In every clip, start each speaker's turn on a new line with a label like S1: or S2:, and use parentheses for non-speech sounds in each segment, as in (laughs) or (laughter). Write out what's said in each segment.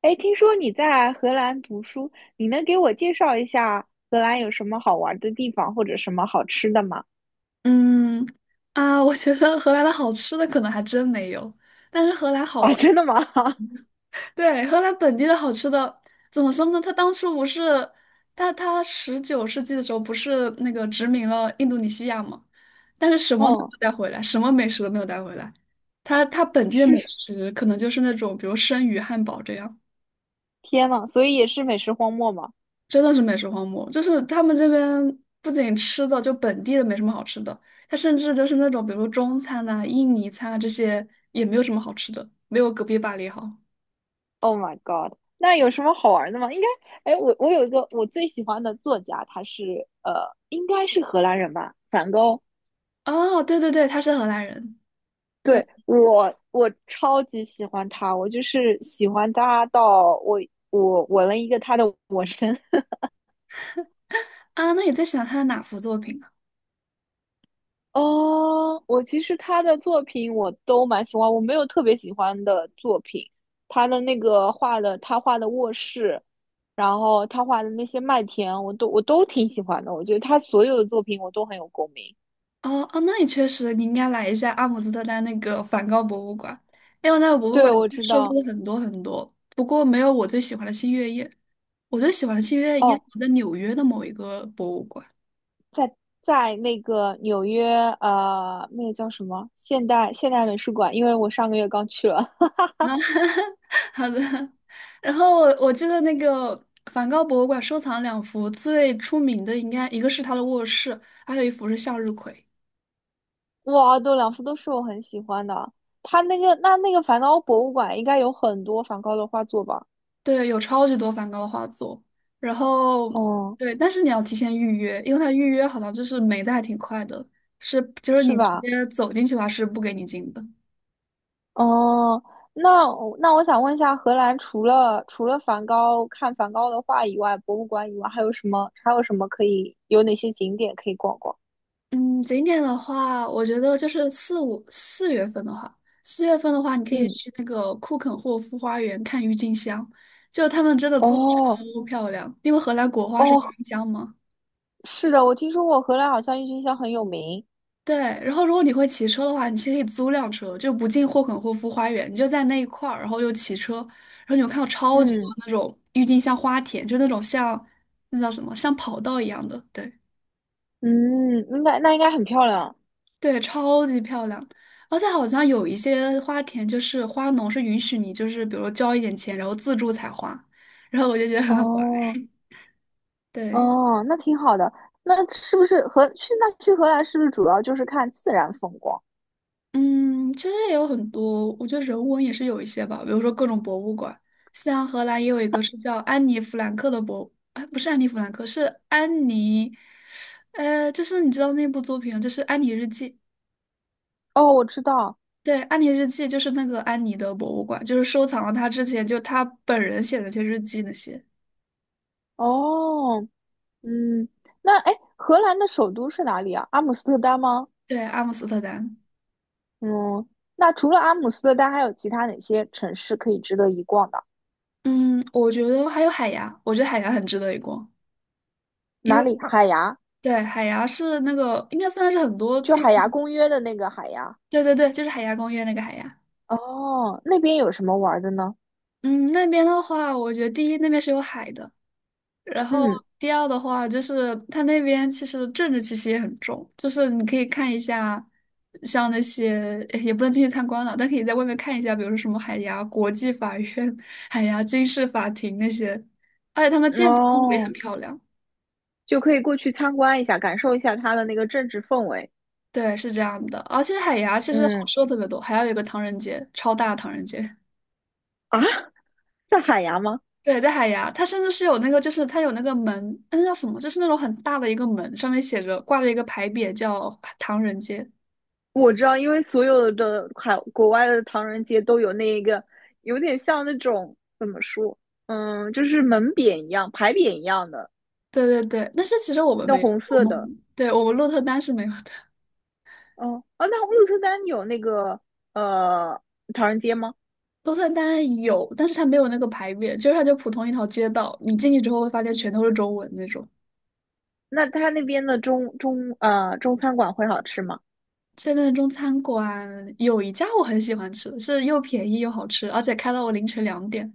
S1: 哎，听说你在荷兰读书，你能给我介绍一下荷兰有什么好玩的地方或者什么好吃的吗？
S2: 嗯啊，我觉得荷兰的好吃的可能还真没有，但是荷兰好
S1: 啊，
S2: 玩。
S1: 真的吗？(laughs) 哈，
S2: 对，荷兰本地的好吃的，怎么说呢？他当初不是，他19世纪的时候不是那个殖民了印度尼西亚嘛？但是什么都没
S1: 哦，
S2: 有带回来，什么美食都没有带回来。他本地的美食可能就是那种，比如生鱼汉堡这样。
S1: 天呐，所以也是美食荒漠吗
S2: 真的是美食荒漠，就是他们这边不仅吃的，就本地的没什么好吃的，它甚至就是那种比如说中餐呐、印尼餐啊这些也没有什么好吃的，没有隔壁巴黎好。
S1: ？Oh my god，那有什么好玩的吗？应该，哎，我有一个我最喜欢的作家，他是应该是荷兰人吧，梵高。
S2: 哦，对对对，他是荷兰人。对
S1: 对，我超级喜欢他，我就是喜欢他到我纹了一个他的 (laughs) 纹身，
S2: 啊，那你在想他的哪幅作品啊？
S1: 哦，我其实他的作品我都蛮喜欢，我没有特别喜欢的作品。他的那个画的，他画的卧室，然后他画的那些麦田，我都挺喜欢的。我觉得他所有的作品我都很有共鸣。
S2: 哦哦，那你确实你应该来一下阿姆斯特丹那个梵高博物馆，因为那个博物
S1: 对，
S2: 馆
S1: 我知
S2: 收
S1: 道。
S2: 录了很多很多，不过没有我最喜欢的《星月夜》，我最喜欢的《星月夜》应该
S1: 哦，
S2: 我在纽约的某一个博物馆。
S1: 在那个纽约，那个叫什么现代美术馆，因为我上个月刚去了。
S2: 啊，(laughs) 好的。然后我记得那个梵高博物馆收藏两幅最出名的，应该一个是他的卧室，还有一幅是向日葵。
S1: (laughs) 哇，都两幅都是我很喜欢的。他那个那个梵高博物馆应该有很多梵高的画作吧？
S2: 对，有超级多梵高的画作。然后
S1: 哦。
S2: 对，但是你要提前预约，因为他预约好像就是没的还挺快的，是就是
S1: 是
S2: 你直
S1: 吧？
S2: 接走进去的话是不给你进的。
S1: 哦，那我想问一下，荷兰除了梵高看梵高的画以外，博物馆以外，还有什么可以有哪些景点可以逛逛？
S2: 嗯，景点的话，我觉得就是四五四月份的话，四月份的话，你可以
S1: 嗯，
S2: 去那个库肯霍夫花园看郁金香，就他们真的做的
S1: 哦
S2: 超漂亮，因为荷兰国花是郁
S1: 哦，
S2: 金香嘛。
S1: 是的，我听说过荷兰好像郁金香很有名。
S2: 对，然后如果你会骑车的话，你其实可以租辆车，就不进霍肯霍夫花园，你就在那一块儿，然后又骑车，然后你会看到超级多
S1: 嗯
S2: 那种郁金香花田，就那种像那叫什么，像跑道一样的，对。
S1: 嗯，应该那应该很漂亮。
S2: 对，超级漂亮，而且好像有一些花田，就是花农是允许你，就是比如说交一点钱，然后自助采花，然后我就觉得很好玩。
S1: 哦
S2: 对，
S1: 哦，那挺好的。那是不是荷去那去荷兰是不是主要就是看自然风光？
S2: 嗯，其实也有很多，我觉得人文也是有一些吧，比如说各种博物馆，像荷兰也有一个是叫安妮弗兰克的博，哎，不是安妮弗兰克，是安妮，就是你知道那部作品，就是《安妮日记》。
S1: 哦，我知道。
S2: 对，《安妮日记》就是那个安妮的博物馆，就是收藏了她之前就她本人写的那些日记那些。
S1: 哦嗯，那哎，荷兰的首都是哪里啊？阿姆斯特丹吗？
S2: 对，阿姆斯特丹。
S1: 嗯，那除了阿姆斯特丹，还有其他哪些城市可以值得一逛的？
S2: 嗯，我觉得还有海牙，我觉得海牙很值得一逛，因为
S1: 哪里？海牙，
S2: 对海牙是那个应该算是很多
S1: 就
S2: 地
S1: 海
S2: 方，
S1: 牙公约的那个海牙。
S2: 对对对，就是海牙公约那个海牙。
S1: 哦，那边有什么玩的呢？
S2: 嗯，那边的话，我觉得第一那边是有海的，然后
S1: 嗯，
S2: 第二的话就是它那边其实政治气息也很重，就是你可以看一下，像那些诶也不能进去参观了，但可以在外面看一下，比如说什么海牙国际法院、(laughs) 海牙军事法庭那些，而且他们建筑风格也很
S1: 哦，
S2: 漂亮。
S1: 就可以过去参观一下，感受一下它的那个政治氛围。
S2: 对，是这样的。而且海牙其实好
S1: 嗯，
S2: 吃的特别多，还有一个唐人街，超大唐人街。
S1: 啊，在海牙吗？
S2: 对，在海牙，它甚至是有那个，就是它有那个门，那叫什么？就是那种很大的一个门，上面写着挂着一个牌匾，叫唐人街。
S1: 我知道，因为所有的国外的唐人街都有那个，有点像那种怎么说，嗯，就是门匾一样、牌匾一样的，
S2: 对对对，但是其实我们
S1: 那
S2: 没有
S1: 红
S2: 我
S1: 色
S2: 们
S1: 的。
S2: 对我们鹿特丹是没有的。
S1: 哦，啊，那鹿特丹有那个呃唐人街吗？
S2: 鹿特丹有，但是它没有那个牌匾，就是它就普通一条街道，你进去之后会发现全都是中文那种。
S1: 那他那边的中餐馆会好吃吗？
S2: 这边的中餐馆有一家我很喜欢吃，是又便宜又好吃，而且开到我凌晨2点。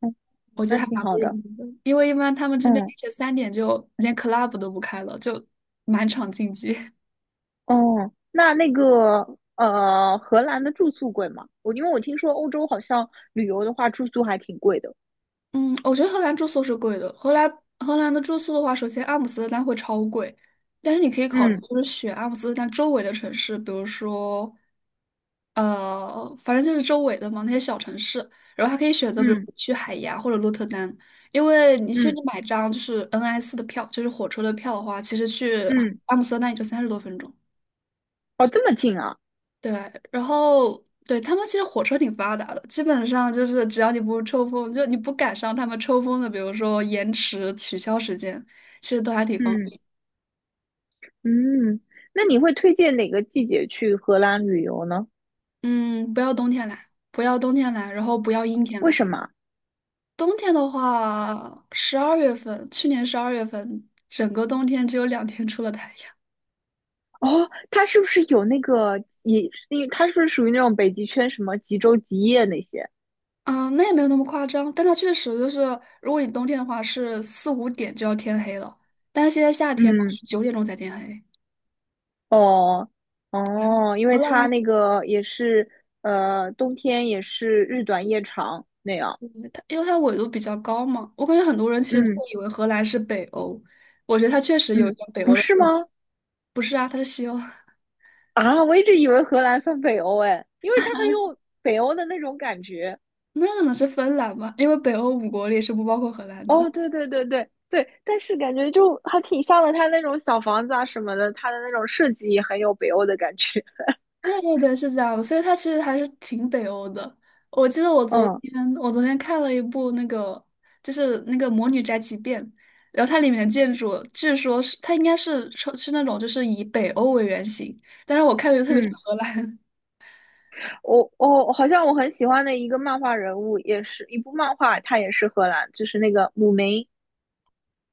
S1: 嗯，
S2: 我觉
S1: 那
S2: 得还
S1: 挺
S2: 蛮不
S1: 好
S2: 容
S1: 的。
S2: 易的，因为一般他们这边凌
S1: 嗯，
S2: 晨三点就连 club 都不开了，就满场竞技。(laughs)
S1: 哦，那荷兰的住宿贵吗？因为我听说欧洲好像旅游的话住宿还挺贵的。
S2: 嗯，我觉得荷兰住宿是贵的。荷兰的住宿的话，首先阿姆斯特丹会超贵，但是你可以考
S1: 嗯
S2: 虑就是选阿姆斯特丹周围的城市，比如说反正就是周围的嘛那些小城市，然后还可以选择比如
S1: 嗯
S2: 去海牙或者鹿特丹，因为你其实
S1: 嗯
S2: 你买张就是 NS 的票，就是火车的票的话，其实去
S1: 嗯。
S2: 阿姆斯特丹也就30多分钟。
S1: 哦，这么近啊，
S2: 对，然后对他们其实火车挺发达的，基本上就是只要你不抽风，就你不赶上他们抽风的，比如说延迟、取消时间，其实都还挺方
S1: 嗯
S2: 便。
S1: 嗯，那你会推荐哪个季节去荷兰旅游呢？
S2: 嗯，不要冬天来，不要冬天来，然后不要阴天
S1: 为
S2: 来。
S1: 什么？
S2: 冬天的话，十二月份，去年十二月份，整个冬天只有2天出了太阳。
S1: 哦，它是不是有那个也，因为它是不是属于那种北极圈什么极昼极夜那些？
S2: 嗯，那也没有那么夸张，但它确实就是，如果你冬天的话，是4、5点就要天黑了，但是现在夏天嘛
S1: 嗯，
S2: 是9点钟才天黑。
S1: 哦
S2: 嗯
S1: 哦，因为它那个也是呃，冬天也是日短夜长那样。
S2: 对它因为它纬度比较高嘛，我感觉很多人其实都
S1: 嗯
S2: 会以为荷兰是北欧，我觉得它确实有一
S1: 嗯，
S2: 点北
S1: 不
S2: 欧的
S1: 是
S2: 特
S1: 吗？
S2: 质。不是啊，它是西欧，
S1: 啊，我一直以为荷兰算北欧哎，因为它很有北欧的那种感觉。
S2: (laughs) 那可能是芬兰吧，因为北欧五国里是不包括荷兰的。
S1: 哦，对对对对对，但是感觉就还挺像的，它那种小房子啊什么的，它的那种设计也很有北欧的感觉。
S2: 对对对，是这样的，所以它其实还是挺北欧的。我记得我昨
S1: 嗯
S2: 天我昨天看了一部那个就是那个《魔女宅急便》，然后它里面的建筑据说是它应该是那种就是以北欧为原型，但是我看着就特别像
S1: 嗯，
S2: 荷兰。
S1: 我好像我很喜欢的一个漫画人物，也是一部漫画，它也是荷兰，就是那个姆明。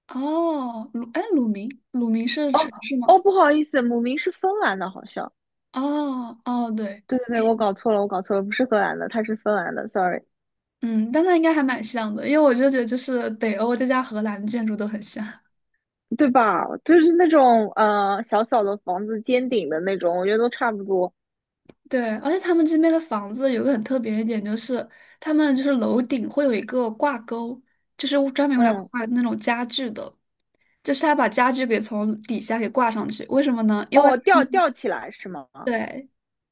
S2: 哦，鲁，哎，鲁明，鲁明是
S1: 哦
S2: 城市吗？
S1: 哦，不好意思，姆明是芬兰的，好像。
S2: 哦，哦，对，
S1: 对对对，我搞错了，我搞错了，不是荷兰的，它是芬兰的，sorry，
S2: 嗯，但那应该还蛮像的，因为我就觉得就是北欧再加荷兰的建筑都很像。
S1: 对吧？就是那种小小的房子，尖顶的那种，我觉得都差不多。
S2: (laughs) 对，而且他们这边的房子有个很特别的点，就是他们就是楼顶会有一个挂钩，就是专门用来
S1: 嗯，
S2: 挂那种家具的，就是他把家具给从底下给挂上去。为什么呢？因为，
S1: 哦，吊起来是吗？
S2: 对，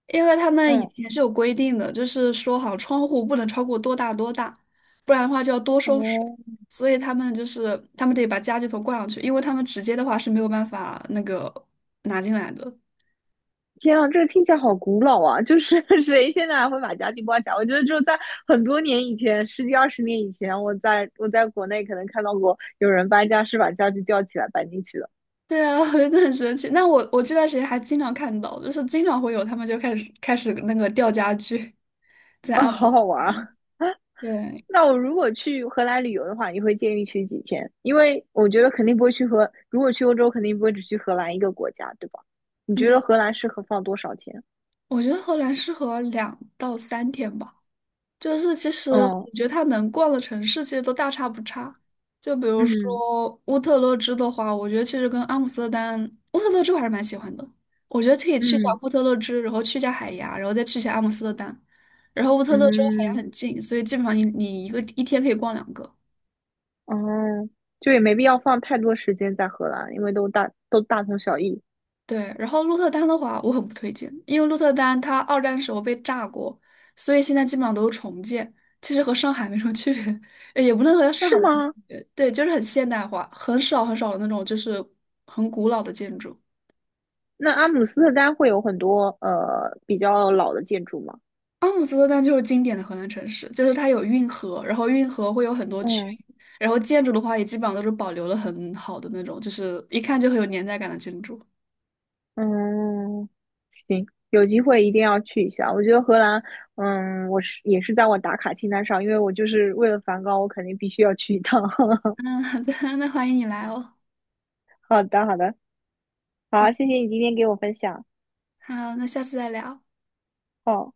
S2: 因为他们以
S1: 嗯。
S2: 前是有规定的，就是说好像窗户不能超过多大多大，不然的话就要多收水。
S1: 哦，
S2: 所以他们就是他们得把家具头挂上去，因为他们直接的话是没有办法那个拿进来的。
S1: 天啊，这个听起来好古老啊！就是 (laughs) 谁现在还会把家具包起来？我觉得只有在很多年以前，十几二十年以前，我在国内可能看到过有人搬家是把家具吊起来搬进去的。
S2: 对啊，(laughs) 我觉得很神奇。那我我这段时间还经常看到，就是经常会有他们就开始那个吊家具，在
S1: 啊，
S2: 阿姆
S1: 好
S2: 斯。
S1: 好玩啊！
S2: 对，
S1: 那我如果去荷兰旅游的话，你会建议去几天？因为我觉得肯定不会如果去欧洲，肯定不会只去荷兰一个国家，对吧？你觉
S2: 嗯，
S1: 得荷兰适合放多少天？
S2: 我觉得荷兰适合2到3天吧。就是其实
S1: 嗯
S2: 我觉得它能逛的城市其实都大差不差。就比如
S1: 嗯
S2: 说乌特勒支的话，我觉得其实跟阿姆斯特丹、乌特勒支我还是蛮喜欢的。我觉得可以去一下
S1: 嗯
S2: 乌特勒支，然后去一下海牙，然后再去一下阿姆斯特丹。然后乌特勒支和海牙
S1: 嗯。
S2: 很近，所以基本上你一个一天可以逛两个。
S1: 哦，就也没必要放太多时间在荷兰，因为都大都大同小异，
S2: 对，然后鹿特丹的话，我很不推荐，因为鹿特丹它二战的时候被炸过，所以现在基本上都是重建，其实和上海没什么区别，也不能和上海
S1: 是
S2: 的区
S1: 吗？
S2: 别，对，就是很现代化，很少很少的那种就是很古老的建筑。
S1: 那阿姆斯特丹会有很多比较老的建筑吗？
S2: 阿姆斯特丹就是经典的荷兰城市，就是它有运河，然后运河会有很多群，
S1: 嗯
S2: 然后建筑的话也基本上都是保留了很好的那种，就是一看就很有年代感的建筑。
S1: 嗯，行，有机会一定要去一下。我觉得荷兰，嗯，我也是在我打卡清单上，因为我就是为了梵高，我肯定必须要去一趟。(laughs)
S2: 嗯，好的，那欢迎你来哦。
S1: 好的好的，
S2: 好，
S1: 好，谢谢你今天给我分享。
S2: 好，那下次再聊。
S1: 好。